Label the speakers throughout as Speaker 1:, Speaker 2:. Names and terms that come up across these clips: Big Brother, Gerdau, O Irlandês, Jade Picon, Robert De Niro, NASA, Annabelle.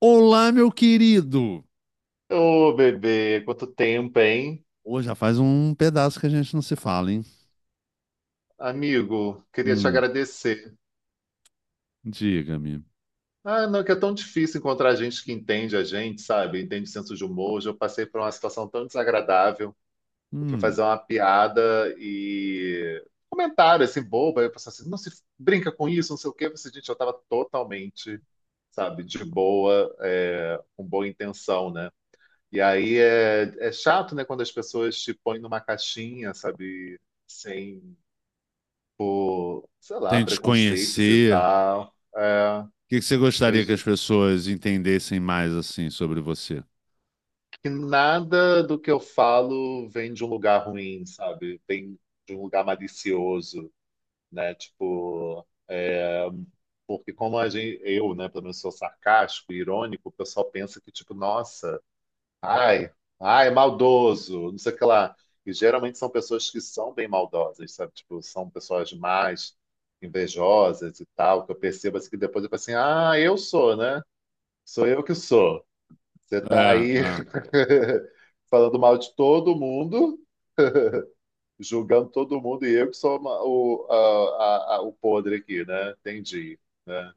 Speaker 1: Olá, meu querido!
Speaker 2: Ô, bebê, quanto tempo, hein?
Speaker 1: Hoje já faz um pedaço que a gente não se fala, hein?
Speaker 2: Amigo, queria te
Speaker 1: Hum.
Speaker 2: agradecer.
Speaker 1: Diga-me.
Speaker 2: Ah, não, que é tão difícil encontrar gente que entende a gente, sabe? Entende o senso de humor. Hoje eu passei por uma situação tão desagradável. Eu fui
Speaker 1: Hum.
Speaker 2: fazer uma piada e comentário assim, bobo. Aí eu pensei assim, não se brinca com isso, não sei o quê. Eu pensei, gente, eu tava totalmente, sabe, de boa, com boa intenção, né? E aí é chato, né, quando as pessoas te põem numa caixinha, sabe? Sem por, sei lá,
Speaker 1: Sem te
Speaker 2: preconceitos e
Speaker 1: conhecer, o
Speaker 2: tal.
Speaker 1: que que você
Speaker 2: Eu,
Speaker 1: gostaria que as
Speaker 2: ju-
Speaker 1: pessoas entendessem mais assim sobre você?
Speaker 2: que nada do que eu falo vem de um lugar ruim, sabe? Vem de um lugar malicioso, né? Tipo, porque como a gente, eu, né, pelo menos sou sarcástico, irônico, o pessoal pensa que, tipo, nossa, ai, ai, maldoso, não sei o que lá. E geralmente são pessoas que são bem maldosas, sabe? Tipo, são pessoas mais invejosas e tal, que eu percebo assim, que depois eu falo assim, ah, eu sou, né? Sou eu que sou. Você
Speaker 1: É,
Speaker 2: está aí
Speaker 1: é,
Speaker 2: falando mal de todo mundo, julgando todo mundo, e eu que sou uma- o, a- o podre aqui, né? Entendi, né?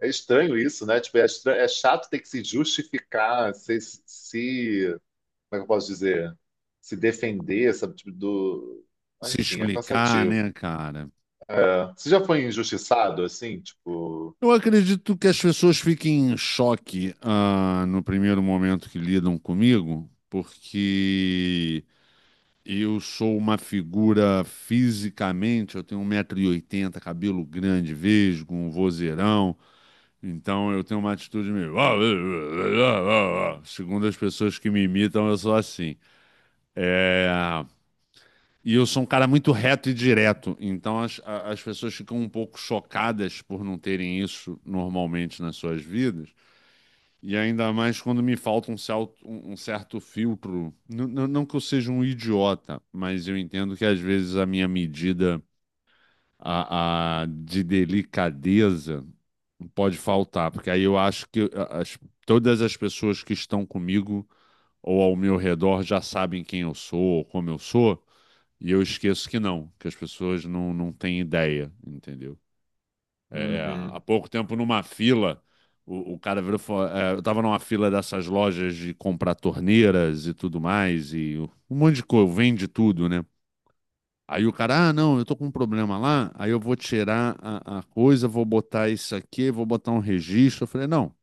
Speaker 2: É estranho isso, né? Tipo, é chato ter que se justificar, se- como é que eu posso dizer? Se defender, sabe? Tipo, do... Ah,
Speaker 1: se
Speaker 2: enfim, é
Speaker 1: explicar, né,
Speaker 2: cansativo.
Speaker 1: cara?
Speaker 2: É. Você já foi injustiçado, assim? Tipo...
Speaker 1: Eu acredito que as pessoas fiquem em choque, ah, no primeiro momento que lidam comigo, porque eu sou uma figura fisicamente, eu tenho 1,80 m, cabelo grande, vesgo, um vozeirão, então eu tenho uma atitude meio. Segundo as pessoas que me imitam, eu sou assim. É. E eu sou um cara muito reto e direto, então as pessoas ficam um pouco chocadas por não terem isso normalmente nas suas vidas. E ainda mais quando me falta um certo filtro. Não que eu seja um idiota, mas eu entendo que às vezes a minha medida de delicadeza pode faltar, porque aí eu acho que todas as pessoas que estão comigo ou ao meu redor já sabem quem eu sou ou como eu sou, e eu esqueço que não, que as pessoas não têm ideia, entendeu? É, é, há
Speaker 2: Uhum.
Speaker 1: pouco tempo, numa fila, o cara virou, e falou, é, eu tava numa fila dessas lojas de comprar torneiras e tudo mais, e um monte de coisa, vende tudo, né? Aí o cara, ah, não, eu tô com um problema lá, aí eu vou tirar a coisa, vou botar isso aqui, vou botar um registro. Eu falei, não,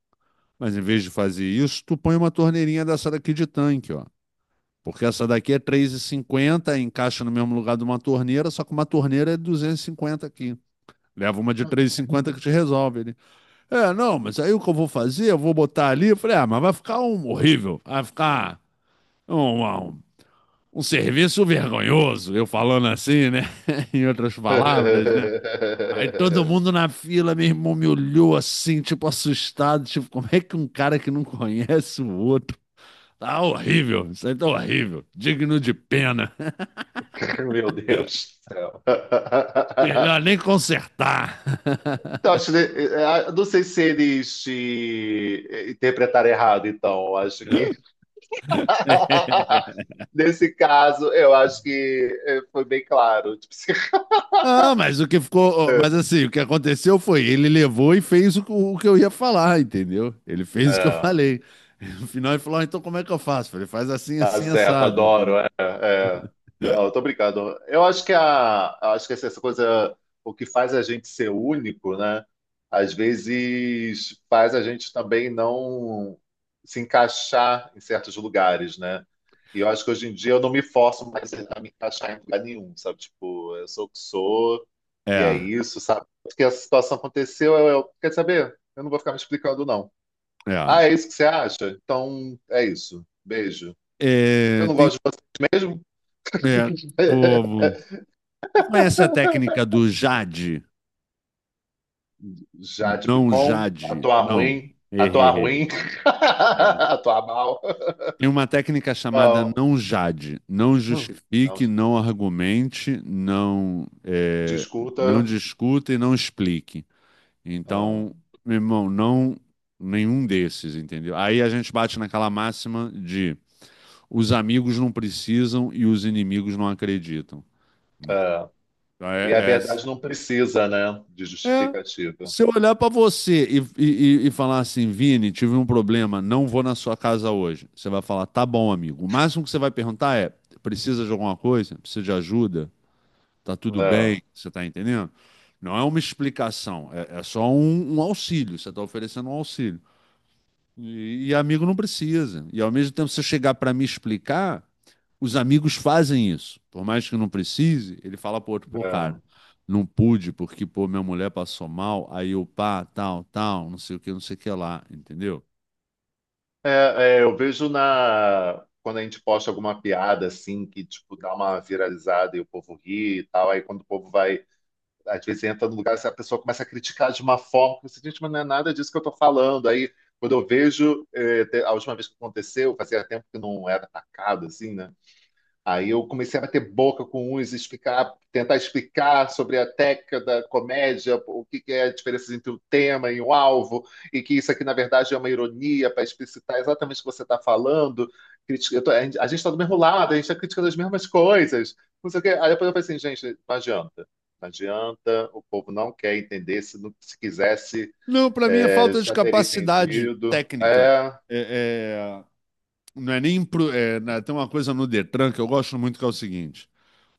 Speaker 1: mas em vez de fazer isso, tu põe uma torneirinha dessa daqui de tanque, ó. Porque essa daqui é 3,50, encaixa no mesmo lugar de uma torneira, só que uma torneira é 250 aqui. Leva uma de 3,50 que te resolve, né? É, não, mas aí o que eu vou fazer? Eu vou botar ali. Eu falei, ah, mas vai ficar um horrível. Vai ficar um, um, um serviço vergonhoso. Eu falando assim, né? Em outras palavras, né? Aí todo mundo na fila, meu irmão me olhou assim, tipo, assustado. Tipo, como é que um cara que não conhece o outro. Tá horrível, isso aí tá horrível. Digno de pena.
Speaker 2: Meu Deus do céu.
Speaker 1: Melhor nem consertar.
Speaker 2: Então, acho, que, não sei se eles te interpretaram errado, então. Eu acho que.
Speaker 1: É.
Speaker 2: Nesse caso, eu acho que foi bem claro. Tipo,
Speaker 1: Ah, mas o que ficou. Mas assim, o que aconteceu foi, ele levou e fez o que eu ia falar, entendeu? Ele fez o que eu
Speaker 2: é,
Speaker 1: falei. No final ele falou, "Ah, então como é que eu faço?" Eu falei, faz assim,
Speaker 2: tá
Speaker 1: assim,
Speaker 2: certo,
Speaker 1: assado,
Speaker 2: adoro.
Speaker 1: entendeu?
Speaker 2: Não, eu tô brincando. Eu acho que assim, essa coisa, o que faz a gente ser único, né? Às vezes faz a gente também não se encaixar em certos lugares, né? E eu acho que hoje em dia eu não me forço mais a me encaixar em lugar nenhum, sabe? Tipo, eu sou o que sou e é
Speaker 1: É,
Speaker 2: isso, sabe? Porque a situação aconteceu, eu quer saber? Eu não vou ficar me explicando, não. Ah,
Speaker 1: é.
Speaker 2: é isso que você acha? Então é isso. Beijo. Eu
Speaker 1: É,
Speaker 2: não
Speaker 1: tem,
Speaker 2: gosto de vocês mesmo.
Speaker 1: é, vou- vou- tu conhece a técnica do Jade?
Speaker 2: Jade
Speaker 1: Não
Speaker 2: Picon,
Speaker 1: Jade, não.
Speaker 2: atuar
Speaker 1: Errei.
Speaker 2: ruim,
Speaker 1: Errei. É.
Speaker 2: atuar mal.
Speaker 1: E uma técnica chamada
Speaker 2: Não,
Speaker 1: não Jade: não
Speaker 2: não
Speaker 1: justifique, não argumente, não
Speaker 2: discuta.
Speaker 1: discuta e não explique.
Speaker 2: Ah,
Speaker 1: Então, meu irmão, não nenhum desses, entendeu? Aí a gente bate naquela máxima de os amigos não precisam e os inimigos não acreditam. Então,
Speaker 2: é. E a
Speaker 1: é- é-
Speaker 2: verdade não precisa, né, de
Speaker 1: é.
Speaker 2: justificativa.
Speaker 1: Se eu olhar pra você e, e falar assim, Vini, tive um problema, não vou na sua casa hoje. Você vai falar, tá bom, amigo. O máximo que você vai perguntar é: precisa de alguma coisa? Precisa de ajuda? Tá tudo
Speaker 2: É,
Speaker 1: bem? Você tá entendendo? Não é uma explicação, é só um auxílio. Você tá oferecendo um auxílio. E amigo não precisa. E ao mesmo tempo, se eu chegar para me explicar, os amigos fazem isso. Por mais que não precise, ele fala pro outro, pô,
Speaker 2: é.
Speaker 1: cara, não pude porque, pô, minha mulher passou mal, aí eu pá, tal, tal, não sei o que, não sei o que lá, entendeu?
Speaker 2: Eu vejo na quando a gente posta alguma piada assim que tipo dá uma viralizada e o povo ri e tal, aí quando o povo vai às vezes entra no lugar e a pessoa começa a criticar de uma forma que você diz, mas não é nada disso que eu estou falando. Aí, quando eu vejo, a última vez que aconteceu, fazia tempo que não era atacado, assim, né? Aí eu comecei a bater boca com uns, explicar, tentar explicar sobre a técnica da comédia, o que que é a diferença entre o tema e o alvo, e que isso aqui, na verdade, é uma ironia para explicitar exatamente o que você está falando. A gente está do mesmo lado, a gente está criticando as mesmas coisas. Não sei o quê. Aí depois eu falei assim, gente, não adianta. Não adianta, o povo não quer entender. Se quisesse,
Speaker 1: Não, para mim é
Speaker 2: é,
Speaker 1: falta de
Speaker 2: já teria
Speaker 1: capacidade
Speaker 2: entendido.
Speaker 1: técnica.
Speaker 2: É.
Speaker 1: É, é, não é nem. Tem uma coisa no Detran que eu gosto muito que é o seguinte.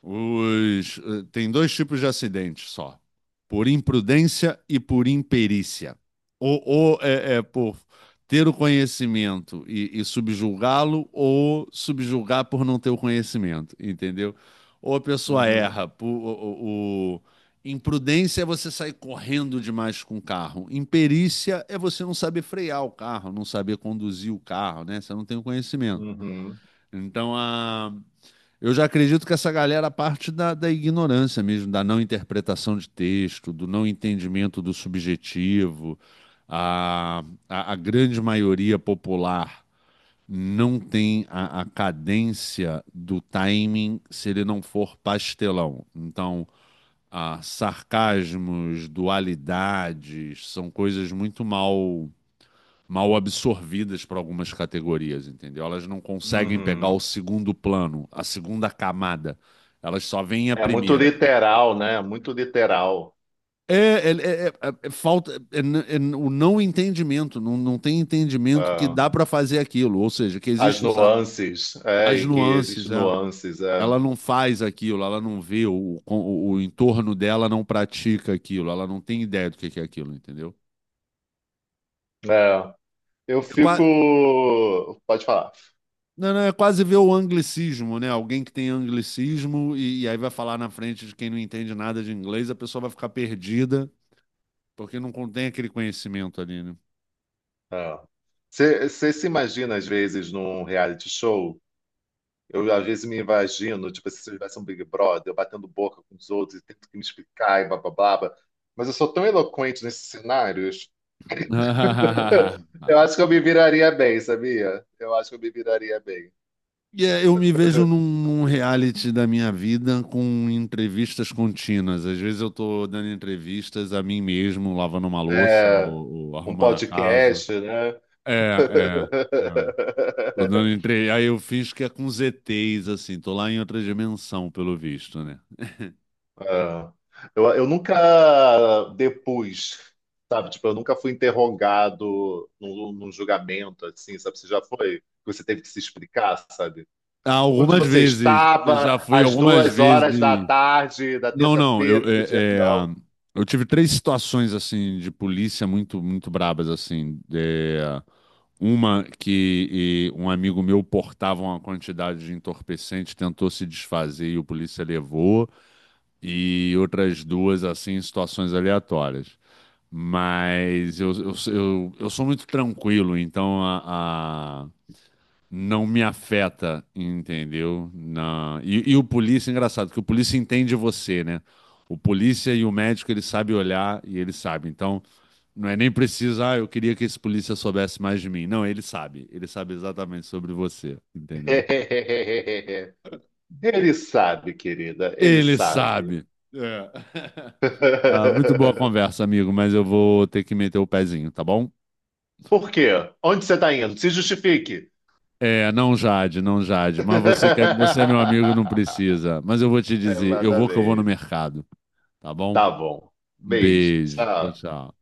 Speaker 1: Os, eh, tem dois tipos de acidentes só: por imprudência e por imperícia. Ou é por ter o conhecimento e subjulgá-lo, ou subjulgar por não ter o conhecimento, entendeu? Ou a pessoa
Speaker 2: Uhum,
Speaker 1: erra. O- o- Imprudência é você sair correndo demais com o carro. Imperícia é você não saber frear o carro, não saber conduzir o carro, né? Você não tem o conhecimento.
Speaker 2: uhum,
Speaker 1: Então, eu já acredito que essa galera parte da, da ignorância mesmo, da não interpretação de texto, do não entendimento do subjetivo. A, a grande maioria popular não tem a cadência do timing se ele não for pastelão. Então, ah, sarcasmos, dualidades, são coisas muito mal absorvidas para algumas categorias, entendeu? Elas não conseguem pegar o
Speaker 2: uhum.
Speaker 1: segundo plano, a segunda camada. Elas só veem a
Speaker 2: É muito
Speaker 1: primeira.
Speaker 2: literal, né? Muito literal.
Speaker 1: É, é falta, o não entendimento, não tem entendimento que
Speaker 2: Ah,
Speaker 1: dá para fazer aquilo, ou seja, que
Speaker 2: as
Speaker 1: existe
Speaker 2: nuances, é,
Speaker 1: as
Speaker 2: e que
Speaker 1: nuances,
Speaker 2: existem
Speaker 1: é.
Speaker 2: nuances. É,
Speaker 1: Ela não faz aquilo, ela não vê o entorno dela, não pratica aquilo, ela não tem ideia do que é aquilo, entendeu?
Speaker 2: é. Eu
Speaker 1: É
Speaker 2: fico.
Speaker 1: qua-
Speaker 2: Pode falar.
Speaker 1: Não, não, é quase ver o anglicismo, né? Alguém que tem anglicismo e aí vai falar na frente de quem não entende nada de inglês, a pessoa vai ficar perdida, porque não contém aquele conhecimento ali, né?
Speaker 2: É. Você se imagina, às vezes, num reality show? Eu, às vezes, me imagino, tipo, se eu tivesse um Big Brother, eu batendo boca com os outros e tendo que me explicar e blá, blá, blá, blá. Mas eu sou tão eloquente nesses cenários. Eu acho que eu me viraria bem, sabia? Eu acho que eu me viraria bem.
Speaker 1: E é, eu me vejo num reality da minha vida com entrevistas contínuas. Às vezes eu tô dando entrevistas a mim mesmo, lavando uma louça
Speaker 2: É,
Speaker 1: ou
Speaker 2: um
Speaker 1: arrumando a casa.
Speaker 2: podcast, né?
Speaker 1: É, é, é. Tô dando entre... Aí eu fiz que é com ZTs, assim, tô lá em outra dimensão, pelo visto, né?
Speaker 2: É. Eu nunca depus, sabe? Tipo, eu nunca fui interrogado num julgamento, assim, sabe? Você já foi? Você teve que se explicar, sabe?
Speaker 1: Ah,
Speaker 2: Onde
Speaker 1: algumas
Speaker 2: você
Speaker 1: vezes. Eu já
Speaker 2: estava
Speaker 1: fui
Speaker 2: às
Speaker 1: algumas
Speaker 2: 2 horas da
Speaker 1: vezes.
Speaker 2: tarde da
Speaker 1: Não, não. Eu,
Speaker 2: terça-feira do
Speaker 1: é, é,
Speaker 2: Gerdau?
Speaker 1: ah, eu tive três situações assim de polícia muito, muito brabas assim. É, uma que, um amigo meu portava uma quantidade de entorpecente, tentou se desfazer e o polícia levou. E outras duas assim, em situações aleatórias. Mas eu sou muito tranquilo, então não me afeta, entendeu? Na... E o polícia, engraçado, que o polícia entende você, né? O polícia e o médico, ele sabe olhar e ele sabe. Então, não é nem preciso, ah, eu queria que esse polícia soubesse mais de mim. Não, ele sabe. Ele sabe exatamente sobre você, entendeu?
Speaker 2: Ele sabe, querida, ele
Speaker 1: Ele
Speaker 2: sabe.
Speaker 1: sabe. É. Ah, muito boa conversa, amigo, mas eu vou ter que meter o pezinho, tá bom?
Speaker 2: Por quê? Onde você está indo? Se justifique.
Speaker 1: É, não Jade, não Jade, mas você que é, você é meu amigo, não precisa. Mas eu vou te dizer, eu vou que eu vou no
Speaker 2: Exatamente.
Speaker 1: mercado, tá bom?
Speaker 2: Tá bom.
Speaker 1: Um
Speaker 2: Beijo.
Speaker 1: beijo. Tchau,
Speaker 2: Tchau.
Speaker 1: tchau.